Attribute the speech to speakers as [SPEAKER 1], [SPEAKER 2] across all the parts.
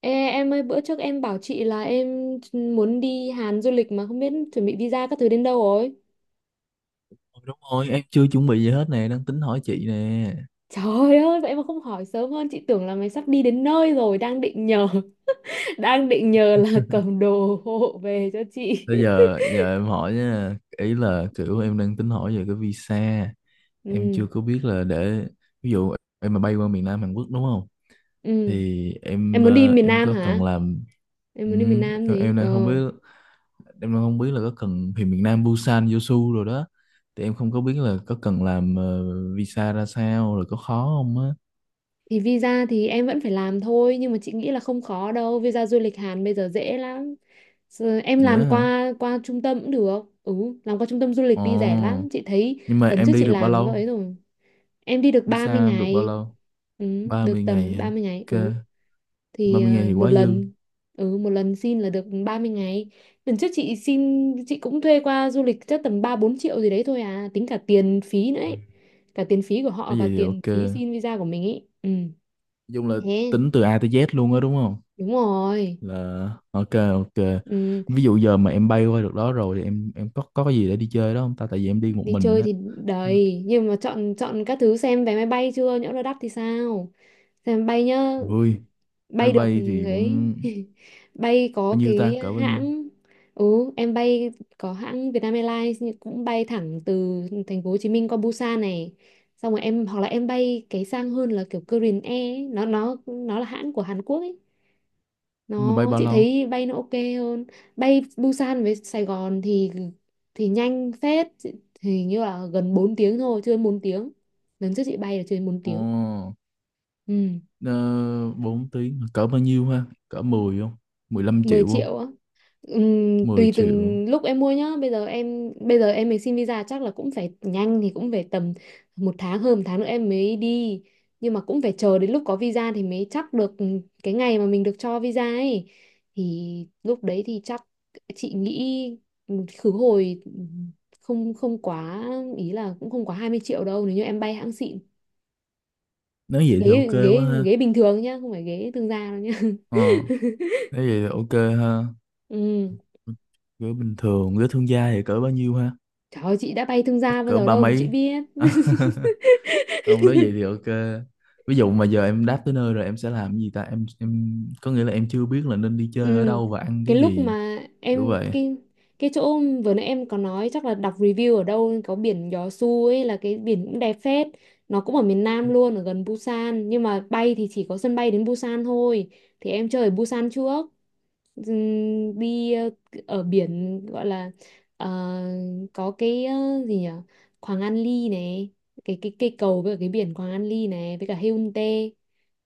[SPEAKER 1] Ê, em ơi, bữa trước em bảo chị là em muốn đi Hàn du lịch mà không biết chuẩn bị visa các thứ đến đâu rồi.
[SPEAKER 2] Ừ, đúng rồi, em chưa chuẩn bị gì hết nè, đang tính hỏi chị nè.
[SPEAKER 1] Trời ơi, vậy mà không hỏi sớm hơn, chị tưởng là mày sắp đi đến nơi rồi, đang định nhờ, đang định nhờ là cầm đồ hộ về cho chị.
[SPEAKER 2] bây giờ giờ em hỏi nha, ý là kiểu em đang tính hỏi về cái visa. Em
[SPEAKER 1] Ừ,
[SPEAKER 2] chưa có biết là để ví dụ em mà bay qua miền Nam Hàn Quốc đúng không,
[SPEAKER 1] ừ.
[SPEAKER 2] thì
[SPEAKER 1] Em muốn đi miền
[SPEAKER 2] em
[SPEAKER 1] Nam
[SPEAKER 2] có cần
[SPEAKER 1] hả?
[SPEAKER 2] làm.
[SPEAKER 1] Em
[SPEAKER 2] Ừ,
[SPEAKER 1] muốn đi miền Nam
[SPEAKER 2] em,
[SPEAKER 1] thì,
[SPEAKER 2] em đang không biết, em đang không biết là có cần thì miền Nam Busan Jeosu rồi đó, thì em không có biết là có cần làm visa ra sao, rồi có khó không á.
[SPEAKER 1] thì visa thì em vẫn phải làm thôi, nhưng mà chị nghĩ là không khó đâu, visa du lịch Hàn bây giờ dễ lắm. Giờ em làm
[SPEAKER 2] Nhớ hả?
[SPEAKER 1] qua qua trung tâm cũng được. Ừ, làm qua trung tâm du lịch đi, rẻ lắm
[SPEAKER 2] Ồ,
[SPEAKER 1] chị thấy.
[SPEAKER 2] nhưng mà
[SPEAKER 1] Lần trước
[SPEAKER 2] em đi
[SPEAKER 1] chị
[SPEAKER 2] được bao
[SPEAKER 1] làm cái
[SPEAKER 2] lâu?
[SPEAKER 1] ấy rồi, em đi được ba
[SPEAKER 2] Visa
[SPEAKER 1] mươi
[SPEAKER 2] em được bao
[SPEAKER 1] ngày
[SPEAKER 2] lâu?
[SPEAKER 1] Ừ,
[SPEAKER 2] ba
[SPEAKER 1] được
[SPEAKER 2] mươi ngày
[SPEAKER 1] tầm ba
[SPEAKER 2] hả?
[SPEAKER 1] mươi ngày
[SPEAKER 2] Ok,
[SPEAKER 1] Ừ,
[SPEAKER 2] ba
[SPEAKER 1] thì
[SPEAKER 2] mươi ngày thì
[SPEAKER 1] một
[SPEAKER 2] quá dư.
[SPEAKER 1] lần. Ừ, một lần xin là được 30 ngày. Lần trước chị xin, chị cũng thuê qua du lịch chắc tầm 3 4 triệu gì đấy thôi, à, tính cả tiền phí nữa
[SPEAKER 2] Ừ.
[SPEAKER 1] ấy, cả tiền phí của họ
[SPEAKER 2] Nói
[SPEAKER 1] và
[SPEAKER 2] vậy thì
[SPEAKER 1] tiền
[SPEAKER 2] ok.
[SPEAKER 1] phí
[SPEAKER 2] Nói
[SPEAKER 1] xin visa của mình ấy. Ừ,
[SPEAKER 2] chung là
[SPEAKER 1] thế.
[SPEAKER 2] tính từ A tới Z luôn á đúng không?
[SPEAKER 1] Đúng rồi.
[SPEAKER 2] Là ok ok.
[SPEAKER 1] Ừ,
[SPEAKER 2] Ví dụ giờ mà em bay qua được đó rồi thì em có cái gì để đi chơi đó không ta? Tại vì em đi một
[SPEAKER 1] đi
[SPEAKER 2] mình
[SPEAKER 1] chơi
[SPEAKER 2] á.
[SPEAKER 1] thì đầy, nhưng mà chọn chọn các thứ, xem vé máy bay chưa, nhỡ nó đắt thì sao. Xem máy bay nhá,
[SPEAKER 2] Ui, máy
[SPEAKER 1] bay được
[SPEAKER 2] bay thì
[SPEAKER 1] ấy.
[SPEAKER 2] cũng
[SPEAKER 1] Bay có
[SPEAKER 2] bao nhiêu ta?
[SPEAKER 1] cái
[SPEAKER 2] Cỡ bao nhiêu?
[SPEAKER 1] hãng, ừ em bay, có hãng Vietnam Airlines nhưng cũng bay thẳng từ thành phố Hồ Chí Minh qua Busan này, xong rồi em hoặc là em bay cái sang hơn là kiểu Korean Air ấy. Nó là hãng của Hàn Quốc ấy,
[SPEAKER 2] Nhưng mà bay
[SPEAKER 1] nó
[SPEAKER 2] bao
[SPEAKER 1] chị
[SPEAKER 2] lâu?
[SPEAKER 1] thấy bay nó ok hơn. Bay Busan với Sài Gòn thì nhanh phết. Hình như là gần 4 tiếng thôi, chưa đến 4 tiếng. Lần trước chị bay là chưa đến 4
[SPEAKER 2] Ồ,
[SPEAKER 1] tiếng. Ừ.
[SPEAKER 2] ờ, 4 tiếng. Cỡ bao nhiêu ha? Cỡ 10 không? mười lăm
[SPEAKER 1] mười
[SPEAKER 2] triệu không?
[SPEAKER 1] triệu á?
[SPEAKER 2] mười
[SPEAKER 1] Tùy
[SPEAKER 2] triệu.
[SPEAKER 1] từng lúc em mua nhá. Bây giờ em mới xin visa, chắc là cũng phải nhanh, thì cũng phải tầm một tháng, hơn một tháng nữa em mới đi. Nhưng mà cũng phải chờ đến lúc có visa thì mới chắc được, cái ngày mà mình được cho visa ấy, thì lúc đấy thì chắc chị nghĩ khứ hồi không không quá, ý là cũng không quá 20 triệu đâu nếu như em bay hãng xịn.
[SPEAKER 2] Nếu vậy thì
[SPEAKER 1] ghế
[SPEAKER 2] ok quá
[SPEAKER 1] ghế
[SPEAKER 2] ha.
[SPEAKER 1] ghế bình thường nhá, không phải ghế thương gia đâu nhá.
[SPEAKER 2] Ờ, Nếu vậy thì ok ha.
[SPEAKER 1] Ừ.
[SPEAKER 2] Cỡ bình thường, cỡ thương gia thì cỡ bao nhiêu ha?
[SPEAKER 1] Trời ơi, chị đã bay thương
[SPEAKER 2] Chắc
[SPEAKER 1] gia bao
[SPEAKER 2] cỡ
[SPEAKER 1] giờ
[SPEAKER 2] ba
[SPEAKER 1] đâu mà chị
[SPEAKER 2] mấy.
[SPEAKER 1] biết.
[SPEAKER 2] Ông nói vậy thì ok. Ví dụ mà giờ em đáp tới nơi rồi em sẽ làm cái gì ta, em có nghĩa là em chưa biết là nên đi chơi ở
[SPEAKER 1] Ừ,
[SPEAKER 2] đâu và ăn
[SPEAKER 1] cái
[SPEAKER 2] cái
[SPEAKER 1] lúc
[SPEAKER 2] gì
[SPEAKER 1] mà
[SPEAKER 2] kiểu
[SPEAKER 1] em
[SPEAKER 2] vậy.
[SPEAKER 1] cái chỗ vừa nãy em có nói, chắc là đọc review ở đâu có biển Gió Su ấy, là cái biển cũng đẹp phết. Nó cũng ở miền Nam luôn, ở gần Busan, nhưng mà bay thì chỉ có sân bay đến Busan thôi. Thì em chơi ở Busan trước, đi ở biển gọi là, ờ, có cái, gì nhỉ, Quảng An Ly này. Cái cây cầu với cả cái biển Quảng An Ly này với cả Haeundae,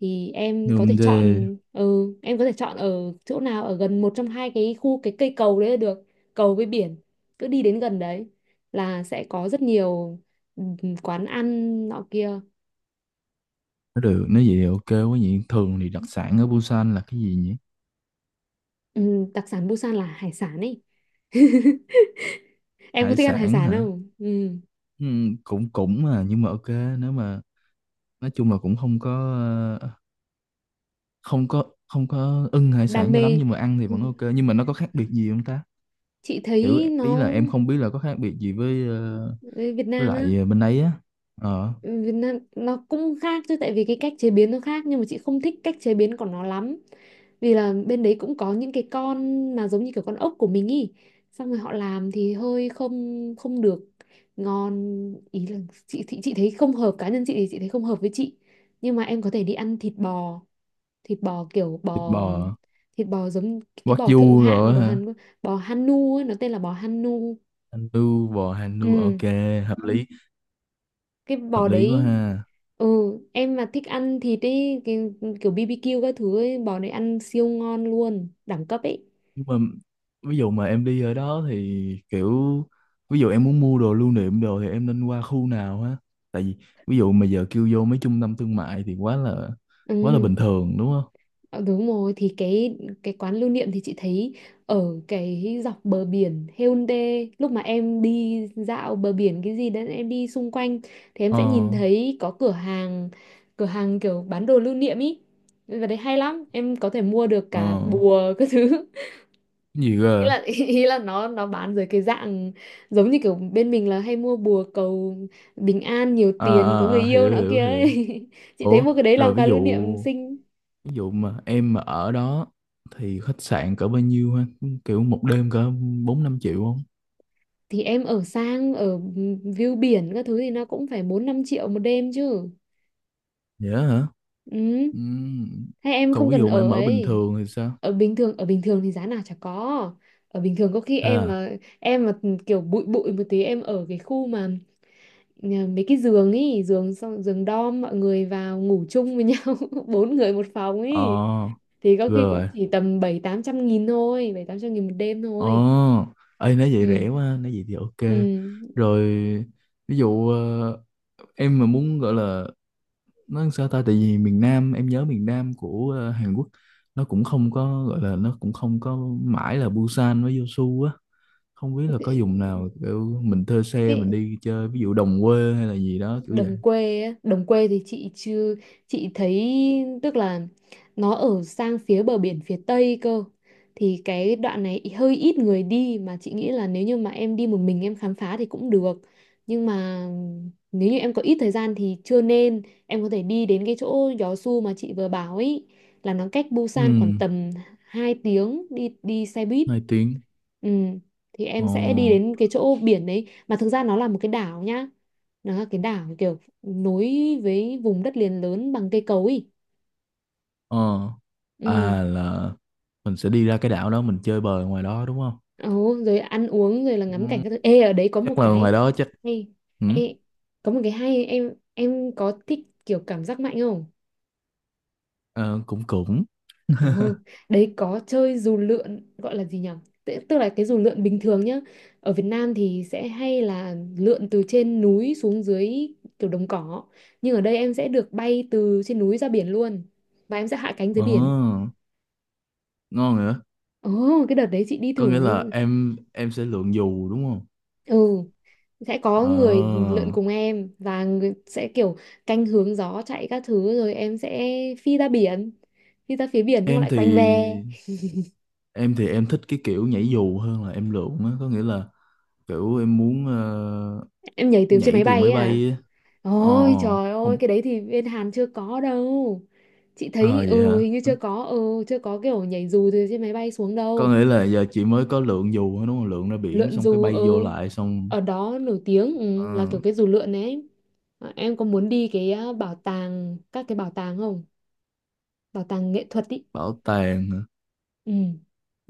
[SPEAKER 1] thì em có thể
[SPEAKER 2] Nhưng thế
[SPEAKER 1] chọn, ừ, em có thể chọn ở chỗ nào ở gần một trong hai cái khu, cái cây cầu đấy là được. Cầu với biển, cứ đi đến gần đấy là sẽ có rất nhiều, ừ, quán ăn nọ kia.
[SPEAKER 2] nó được. Nói vậy thì ok quá nhỉ. Thường thì đặc sản ở Busan là cái gì nhỉ?
[SPEAKER 1] Ừ, đặc sản Busan là hải sản ấy. Em có
[SPEAKER 2] Hải
[SPEAKER 1] thích ăn hải
[SPEAKER 2] sản
[SPEAKER 1] sản
[SPEAKER 2] hả?
[SPEAKER 1] không? Ừ.
[SPEAKER 2] Ừ, cũng cũng mà nhưng mà ok. Nếu mà nói chung là cũng không có, ờ, không có ưng hải
[SPEAKER 1] Đam
[SPEAKER 2] sản cho lắm,
[SPEAKER 1] mê.
[SPEAKER 2] nhưng mà ăn thì vẫn ok, nhưng mà nó có khác biệt gì không ta?
[SPEAKER 1] Chị
[SPEAKER 2] Kiểu
[SPEAKER 1] thấy
[SPEAKER 2] ý
[SPEAKER 1] nó
[SPEAKER 2] là em không biết là có khác biệt gì với
[SPEAKER 1] với Việt
[SPEAKER 2] với
[SPEAKER 1] Nam á,
[SPEAKER 2] lại bên ấy á. Ờ,
[SPEAKER 1] Việt Nam nó cũng khác chứ, tại vì cái cách chế biến nó khác, nhưng mà chị không thích cách chế biến của nó lắm, vì là bên đấy cũng có những cái con mà giống như kiểu con ốc của mình ý, xong rồi họ làm thì hơi không không được ngon. Ý là chị thấy không hợp, cá nhân chị thì chị thấy không hợp với chị. Nhưng mà em có thể đi ăn thịt bò, thịt bò kiểu
[SPEAKER 2] thịt
[SPEAKER 1] bò,
[SPEAKER 2] bò
[SPEAKER 1] thịt bò giống cái bò thượng
[SPEAKER 2] wagyu
[SPEAKER 1] hạng
[SPEAKER 2] rồi
[SPEAKER 1] của
[SPEAKER 2] hả?
[SPEAKER 1] Hàn Quốc, bò Hanu ấy, nó tên là bò Hanu.
[SPEAKER 2] Anh nu bò hành nu,
[SPEAKER 1] Ừ,
[SPEAKER 2] ok. Hợp lý.
[SPEAKER 1] cái
[SPEAKER 2] Hợp
[SPEAKER 1] bò
[SPEAKER 2] lý quá
[SPEAKER 1] đấy.
[SPEAKER 2] ha.
[SPEAKER 1] Ừ, em mà thích ăn thịt ấy, cái kiểu BBQ các thứ ấy, bò đấy ăn siêu ngon luôn, đẳng cấp ấy.
[SPEAKER 2] Nhưng mà ví dụ mà em đi ở đó thì kiểu, ví dụ em muốn mua đồ lưu niệm đồ thì em nên qua khu nào ha? Tại vì ví dụ mà giờ kêu vô mấy trung tâm thương mại thì quá là
[SPEAKER 1] Ừ.
[SPEAKER 2] bình thường đúng không?
[SPEAKER 1] ờ, Đúng rồi, thì cái quán lưu niệm thì chị thấy ở cái dọc bờ biển Haeundae, lúc mà em đi dạo bờ biển cái gì đấy, em đi xung quanh thì em
[SPEAKER 2] Ờ
[SPEAKER 1] sẽ nhìn thấy có cửa hàng, cửa hàng kiểu bán đồ lưu niệm ý. Và đấy hay lắm, em có thể mua được
[SPEAKER 2] ờ.
[SPEAKER 1] cả bùa các thứ.
[SPEAKER 2] Cái gì
[SPEAKER 1] Ý
[SPEAKER 2] cơ?
[SPEAKER 1] là ý là nó bán dưới cái dạng giống như kiểu bên mình là hay mua bùa cầu bình an, nhiều
[SPEAKER 2] À,
[SPEAKER 1] tiền, có người
[SPEAKER 2] à, à,
[SPEAKER 1] yêu
[SPEAKER 2] hiểu
[SPEAKER 1] nọ kia
[SPEAKER 2] hiểu
[SPEAKER 1] ấy.
[SPEAKER 2] hiểu.
[SPEAKER 1] Chị thấy
[SPEAKER 2] Ủa
[SPEAKER 1] mua cái đấy
[SPEAKER 2] rồi
[SPEAKER 1] làm
[SPEAKER 2] ví
[SPEAKER 1] quà
[SPEAKER 2] dụ,
[SPEAKER 1] lưu niệm xinh.
[SPEAKER 2] mà em mà ở đó thì khách sạn cỡ bao nhiêu ha? Kiểu một đêm cỡ 4-5 triệu không?
[SPEAKER 1] Thì em ở sang, ở view biển các thứ thì nó cũng phải 4 5 triệu một đêm chứ.
[SPEAKER 2] Dễ hả?
[SPEAKER 1] Ừ,
[SPEAKER 2] Ừm.
[SPEAKER 1] hay em
[SPEAKER 2] Còn
[SPEAKER 1] không
[SPEAKER 2] ví
[SPEAKER 1] cần
[SPEAKER 2] dụ mà
[SPEAKER 1] ở
[SPEAKER 2] em ở bình
[SPEAKER 1] ấy.
[SPEAKER 2] thường thì sao?
[SPEAKER 1] Ở bình thường, ở bình thường thì giá nào chả có. Ở bình thường có khi
[SPEAKER 2] Thế à.
[SPEAKER 1] em mà kiểu bụi bụi một tí, em ở cái khu mà nhờ mấy cái giường ấy, giường, xong giường dorm, mọi người vào ngủ chung với nhau, 4 người một phòng ấy,
[SPEAKER 2] ờ
[SPEAKER 1] thì có khi cũng
[SPEAKER 2] Rồi.
[SPEAKER 1] chỉ tầm 700 800 nghìn thôi, 700 800 nghìn một đêm
[SPEAKER 2] Ờ.
[SPEAKER 1] thôi.
[SPEAKER 2] Ê, nói vậy
[SPEAKER 1] Ừ.
[SPEAKER 2] rẻ quá, nói vậy thì ok.
[SPEAKER 1] Ừ.
[SPEAKER 2] Rồi ví dụ em mà muốn gọi là, nói sao ta, tại vì miền Nam em nhớ miền Nam của Hàn Quốc, nó cũng không có gọi là, nó cũng không có mãi là Busan với Yeosu á. Không biết là có vùng nào kiểu mình thuê xe mình
[SPEAKER 1] cái,
[SPEAKER 2] đi chơi ví dụ đồng quê hay là gì đó kiểu vậy.
[SPEAKER 1] Đồng quê á. Đồng quê thì chị chưa, chị thấy, tức là nó ở sang phía bờ biển phía tây cơ, thì cái đoạn này hơi ít người đi. Mà chị nghĩ là nếu như mà em đi một mình em khám phá thì cũng được, nhưng mà nếu như em có ít thời gian thì chưa nên. Em có thể đi đến cái chỗ Gió Su mà chị vừa bảo ấy, là nó cách
[SPEAKER 2] Ừ,
[SPEAKER 1] Busan khoảng tầm 2 tiếng đi đi xe buýt.
[SPEAKER 2] 2 tiếng.
[SPEAKER 1] Ừ, thì
[SPEAKER 2] Ồ.
[SPEAKER 1] em sẽ đi đến cái chỗ biển đấy, mà thực ra nó là một cái đảo nhá. Nó là cái đảo kiểu nối với vùng đất liền lớn bằng cây cối ý.
[SPEAKER 2] Ờ.
[SPEAKER 1] Ừ.
[SPEAKER 2] À là mình sẽ đi ra cái đảo đó mình chơi bời ngoài đó đúng không?
[SPEAKER 1] Ồ, rồi ăn uống rồi là ngắm cảnh
[SPEAKER 2] Ừ.
[SPEAKER 1] các thứ. Ê, ở đấy có một
[SPEAKER 2] Chắc là
[SPEAKER 1] cái
[SPEAKER 2] ngoài đó chắc.
[SPEAKER 1] hay.
[SPEAKER 2] Ừ.
[SPEAKER 1] Ê, có một cái hay, em có thích kiểu cảm giác mạnh không?
[SPEAKER 2] ờ, cũng cũng
[SPEAKER 1] Ừ, đấy có chơi dù lượn, gọi là gì nhỉ? Tức tức là cái dù lượn bình thường nhá. Ở Việt Nam thì sẽ hay là lượn từ trên núi xuống dưới kiểu đồng cỏ. Nhưng ở đây em sẽ được bay từ trên núi ra biển luôn. Và em sẽ hạ cánh dưới biển.
[SPEAKER 2] ờ ngon nữa.
[SPEAKER 1] Ồ, cái đợt đấy chị đi
[SPEAKER 2] Có
[SPEAKER 1] thử.
[SPEAKER 2] nghĩa là em sẽ lượn dù đúng không?
[SPEAKER 1] Ừ, sẽ có
[SPEAKER 2] Ờ,
[SPEAKER 1] người lượn cùng em, và người sẽ kiểu canh hướng gió chạy các thứ, rồi em sẽ phi ra biển. Phi ra phía biển xong
[SPEAKER 2] em
[SPEAKER 1] lại
[SPEAKER 2] thì
[SPEAKER 1] quanh về.
[SPEAKER 2] em thì em thích cái kiểu nhảy dù hơn là em lượn á, có nghĩa là kiểu em muốn
[SPEAKER 1] Em nhảy từ trên
[SPEAKER 2] nhảy
[SPEAKER 1] máy
[SPEAKER 2] từ
[SPEAKER 1] bay ấy
[SPEAKER 2] máy
[SPEAKER 1] à?
[SPEAKER 2] bay á. ờ ờ,
[SPEAKER 1] Ôi trời ơi, cái
[SPEAKER 2] Không.
[SPEAKER 1] đấy thì bên Hàn chưa có đâu. Chị
[SPEAKER 2] Ờ
[SPEAKER 1] thấy,
[SPEAKER 2] vậy
[SPEAKER 1] ừ,
[SPEAKER 2] hả.
[SPEAKER 1] hình như chưa có, ừ, chưa có kiểu nhảy dù từ trên máy bay xuống
[SPEAKER 2] Có
[SPEAKER 1] đâu.
[SPEAKER 2] nghĩa là giờ chị mới có lượn dù thôi đúng không, lượn ra biển
[SPEAKER 1] Lượn
[SPEAKER 2] xong cái
[SPEAKER 1] dù,
[SPEAKER 2] bay vô
[SPEAKER 1] ừ,
[SPEAKER 2] lại xong.
[SPEAKER 1] ở đó nổi tiếng,
[SPEAKER 2] Ờ,
[SPEAKER 1] ừ, là kiểu cái dù lượn ấy. À, em có muốn đi cái, à, bảo tàng, các cái bảo tàng không? Bảo tàng nghệ thuật ý.
[SPEAKER 2] bảo tàng hả?
[SPEAKER 1] Ừ.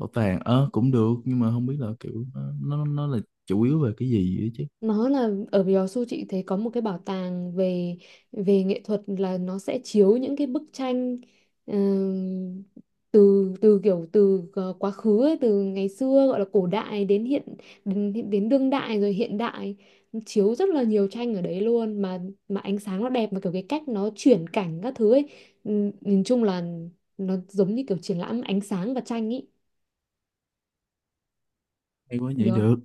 [SPEAKER 2] Bảo tàng cũng được nhưng mà không biết là kiểu nó là chủ yếu về cái gì á chứ.
[SPEAKER 1] Nó là ở Yeosu, chị thấy có một cái bảo tàng về, về nghệ thuật, là nó sẽ chiếu những cái bức tranh, ừm, từ từ kiểu từ quá khứ ấy, từ ngày xưa gọi là cổ đại đến hiện, đến, đến đương đại rồi hiện đại. Nó chiếu rất là nhiều tranh ở đấy luôn, mà ánh sáng nó đẹp, mà kiểu cái cách nó chuyển cảnh các thứ ấy, nhìn chung là nó giống như kiểu triển lãm ánh sáng và tranh ý.
[SPEAKER 2] Hay quá,
[SPEAKER 1] Được
[SPEAKER 2] nhảy
[SPEAKER 1] không?
[SPEAKER 2] được.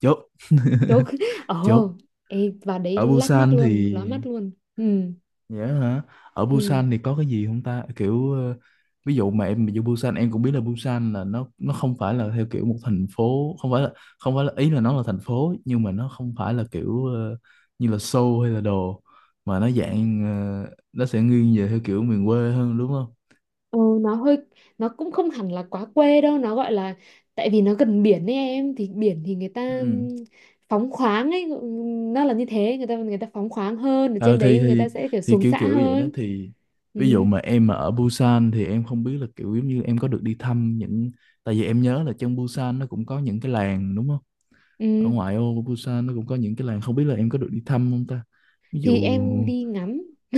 [SPEAKER 2] Chốt.
[SPEAKER 1] Chốt.
[SPEAKER 2] chốt.
[SPEAKER 1] Ồ, ê, và đấy
[SPEAKER 2] Ở
[SPEAKER 1] lác mắt
[SPEAKER 2] Busan thì,
[SPEAKER 1] luôn, lóa mắt luôn. Ừ.
[SPEAKER 2] dạ hả? Ở
[SPEAKER 1] Ừ.
[SPEAKER 2] Busan thì có cái gì không ta? Kiểu ví dụ mà em ví Busan em cũng biết là Busan là nó không phải là theo kiểu một thành phố, không phải là, ý là nó là thành phố nhưng mà nó không phải là kiểu như là Seoul hay là đồ, mà nó dạng nó sẽ nghiêng về theo kiểu miền quê hơn đúng không?
[SPEAKER 1] Ừ, nó hơi, nó cũng không hẳn là quá quê đâu, nó gọi là, tại vì nó gần biển ấy, em thì biển thì người ta
[SPEAKER 2] Ừ.
[SPEAKER 1] phóng khoáng ấy. Nó là như thế, người ta phóng khoáng hơn, ở
[SPEAKER 2] Ờ
[SPEAKER 1] trên đấy
[SPEAKER 2] thì
[SPEAKER 1] người ta
[SPEAKER 2] thì
[SPEAKER 1] sẽ kiểu
[SPEAKER 2] thì
[SPEAKER 1] xuống
[SPEAKER 2] kiểu
[SPEAKER 1] xã
[SPEAKER 2] kiểu vậy đó,
[SPEAKER 1] hơn.
[SPEAKER 2] thì ví dụ
[SPEAKER 1] Ừ,
[SPEAKER 2] mà em mà ở Busan thì em không biết là kiểu giống như em có được đi thăm những, tại vì em nhớ là trong Busan nó cũng có những cái làng đúng không? Ở
[SPEAKER 1] ừ.
[SPEAKER 2] ngoại ô của Busan nó cũng có những cái làng, không biết là em có được đi thăm không ta, ví
[SPEAKER 1] Thì
[SPEAKER 2] dụ.
[SPEAKER 1] em đi ngắm,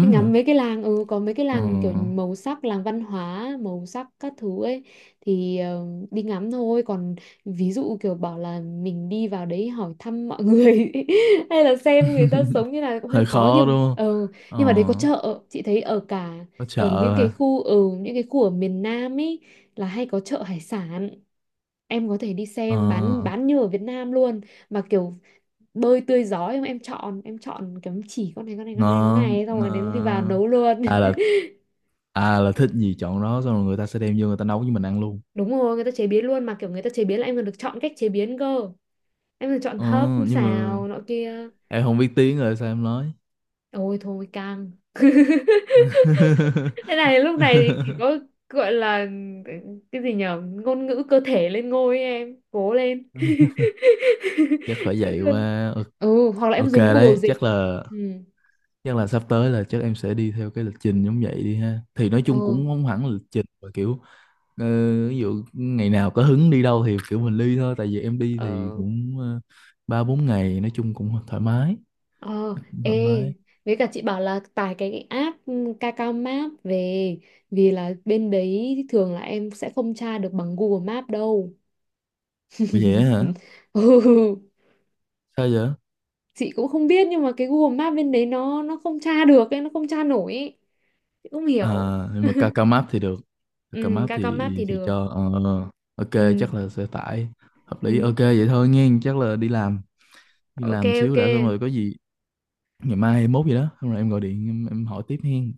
[SPEAKER 1] đi
[SPEAKER 2] hả?
[SPEAKER 1] ngắm mấy cái làng. Ừ, có mấy cái
[SPEAKER 2] ờ,
[SPEAKER 1] làng mà kiểu màu sắc, làng văn hóa màu sắc các thứ ấy, thì đi ngắm thôi, còn ví dụ kiểu bảo là mình đi vào đấy hỏi thăm mọi người hay là xem người ta sống như nào cũng hơi
[SPEAKER 2] Hơi
[SPEAKER 1] khó,
[SPEAKER 2] khó
[SPEAKER 1] nhưng mà
[SPEAKER 2] đúng không.
[SPEAKER 1] ừ,
[SPEAKER 2] ờ,
[SPEAKER 1] nhưng mà đấy có chợ, chị thấy ở cả,
[SPEAKER 2] có chợ
[SPEAKER 1] ở những cái
[SPEAKER 2] hả?
[SPEAKER 1] khu, ở những cái khu ở miền Nam ấy, là hay có chợ hải sản, em có thể đi
[SPEAKER 2] ờ,
[SPEAKER 1] xem bán như ở Việt Nam luôn, mà kiểu bơi tươi giói không, em chọn, em chọn cái chỉ con này con này con này con
[SPEAKER 2] Ngon
[SPEAKER 1] này, xong rồi đến đi vào
[SPEAKER 2] ngon.
[SPEAKER 1] nấu luôn.
[SPEAKER 2] À là, thích gì chọn đó xong rồi người ta sẽ đem vô người ta nấu với mình ăn luôn.
[SPEAKER 1] Đúng rồi, người ta chế biến luôn, mà kiểu người ta chế biến là em còn được chọn cách chế biến cơ, em được chọn
[SPEAKER 2] Ờ,
[SPEAKER 1] hấp
[SPEAKER 2] nhưng mà
[SPEAKER 1] xào nọ kia.
[SPEAKER 2] em không biết tiếng rồi sao em nói?
[SPEAKER 1] Ôi thôi căng. Thế này lúc này thì chỉ có gọi là cái gì nhở, ngôn ngữ cơ thể lên ngôi ấy, em cố lên.
[SPEAKER 2] Chắc phải
[SPEAKER 1] Chứ
[SPEAKER 2] vậy
[SPEAKER 1] còn
[SPEAKER 2] quá. Ờ,
[SPEAKER 1] ừ, hoặc là em
[SPEAKER 2] ok
[SPEAKER 1] dùng Google
[SPEAKER 2] đấy, chắc
[SPEAKER 1] dịch.
[SPEAKER 2] là
[SPEAKER 1] Ừ.
[SPEAKER 2] sắp tới là chắc em sẽ đi theo cái lịch trình giống vậy đi ha, thì nói chung
[SPEAKER 1] Ừ.
[SPEAKER 2] cũng không hẳn là lịch trình mà kiểu ờ, ví dụ ngày nào có hứng đi đâu thì kiểu mình đi thôi, tại vì em đi thì
[SPEAKER 1] ờ
[SPEAKER 2] cũng 3-4 ngày nói chung cũng thoải mái.
[SPEAKER 1] Ờ,
[SPEAKER 2] Cũng
[SPEAKER 1] ê,
[SPEAKER 2] thoải mái.
[SPEAKER 1] với cả chị bảo là tải cái app, ừ, Kakao Map về, vì là bên đấy thường là em sẽ không tra được bằng Google Map đâu.
[SPEAKER 2] Ủa vậy á hả?
[SPEAKER 1] Ừ,
[SPEAKER 2] Sao vậy?
[SPEAKER 1] chị cũng không biết, nhưng mà cái Google Map bên đấy nó không tra được ấy, nó không tra nổi ấy. Chị không
[SPEAKER 2] À,
[SPEAKER 1] hiểu.
[SPEAKER 2] nhưng mà Kakao Map thì được. Kakao
[SPEAKER 1] Ừ,
[SPEAKER 2] Map
[SPEAKER 1] Kakao Map
[SPEAKER 2] thì
[SPEAKER 1] thì
[SPEAKER 2] thì
[SPEAKER 1] được.
[SPEAKER 2] cho ok
[SPEAKER 1] Ừ,
[SPEAKER 2] chắc là sẽ tải. Hợp lý. Ok
[SPEAKER 1] ừ.
[SPEAKER 2] vậy thôi nghe, chắc là đi làm, đi
[SPEAKER 1] Ok
[SPEAKER 2] làm
[SPEAKER 1] ok.
[SPEAKER 2] xíu đã xong rồi có gì ngày mai 21 gì đó xong rồi em gọi điện, em hỏi tiếp hen.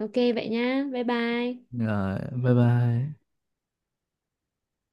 [SPEAKER 1] Ok vậy nhá. Bye bye.
[SPEAKER 2] Rồi bye bye.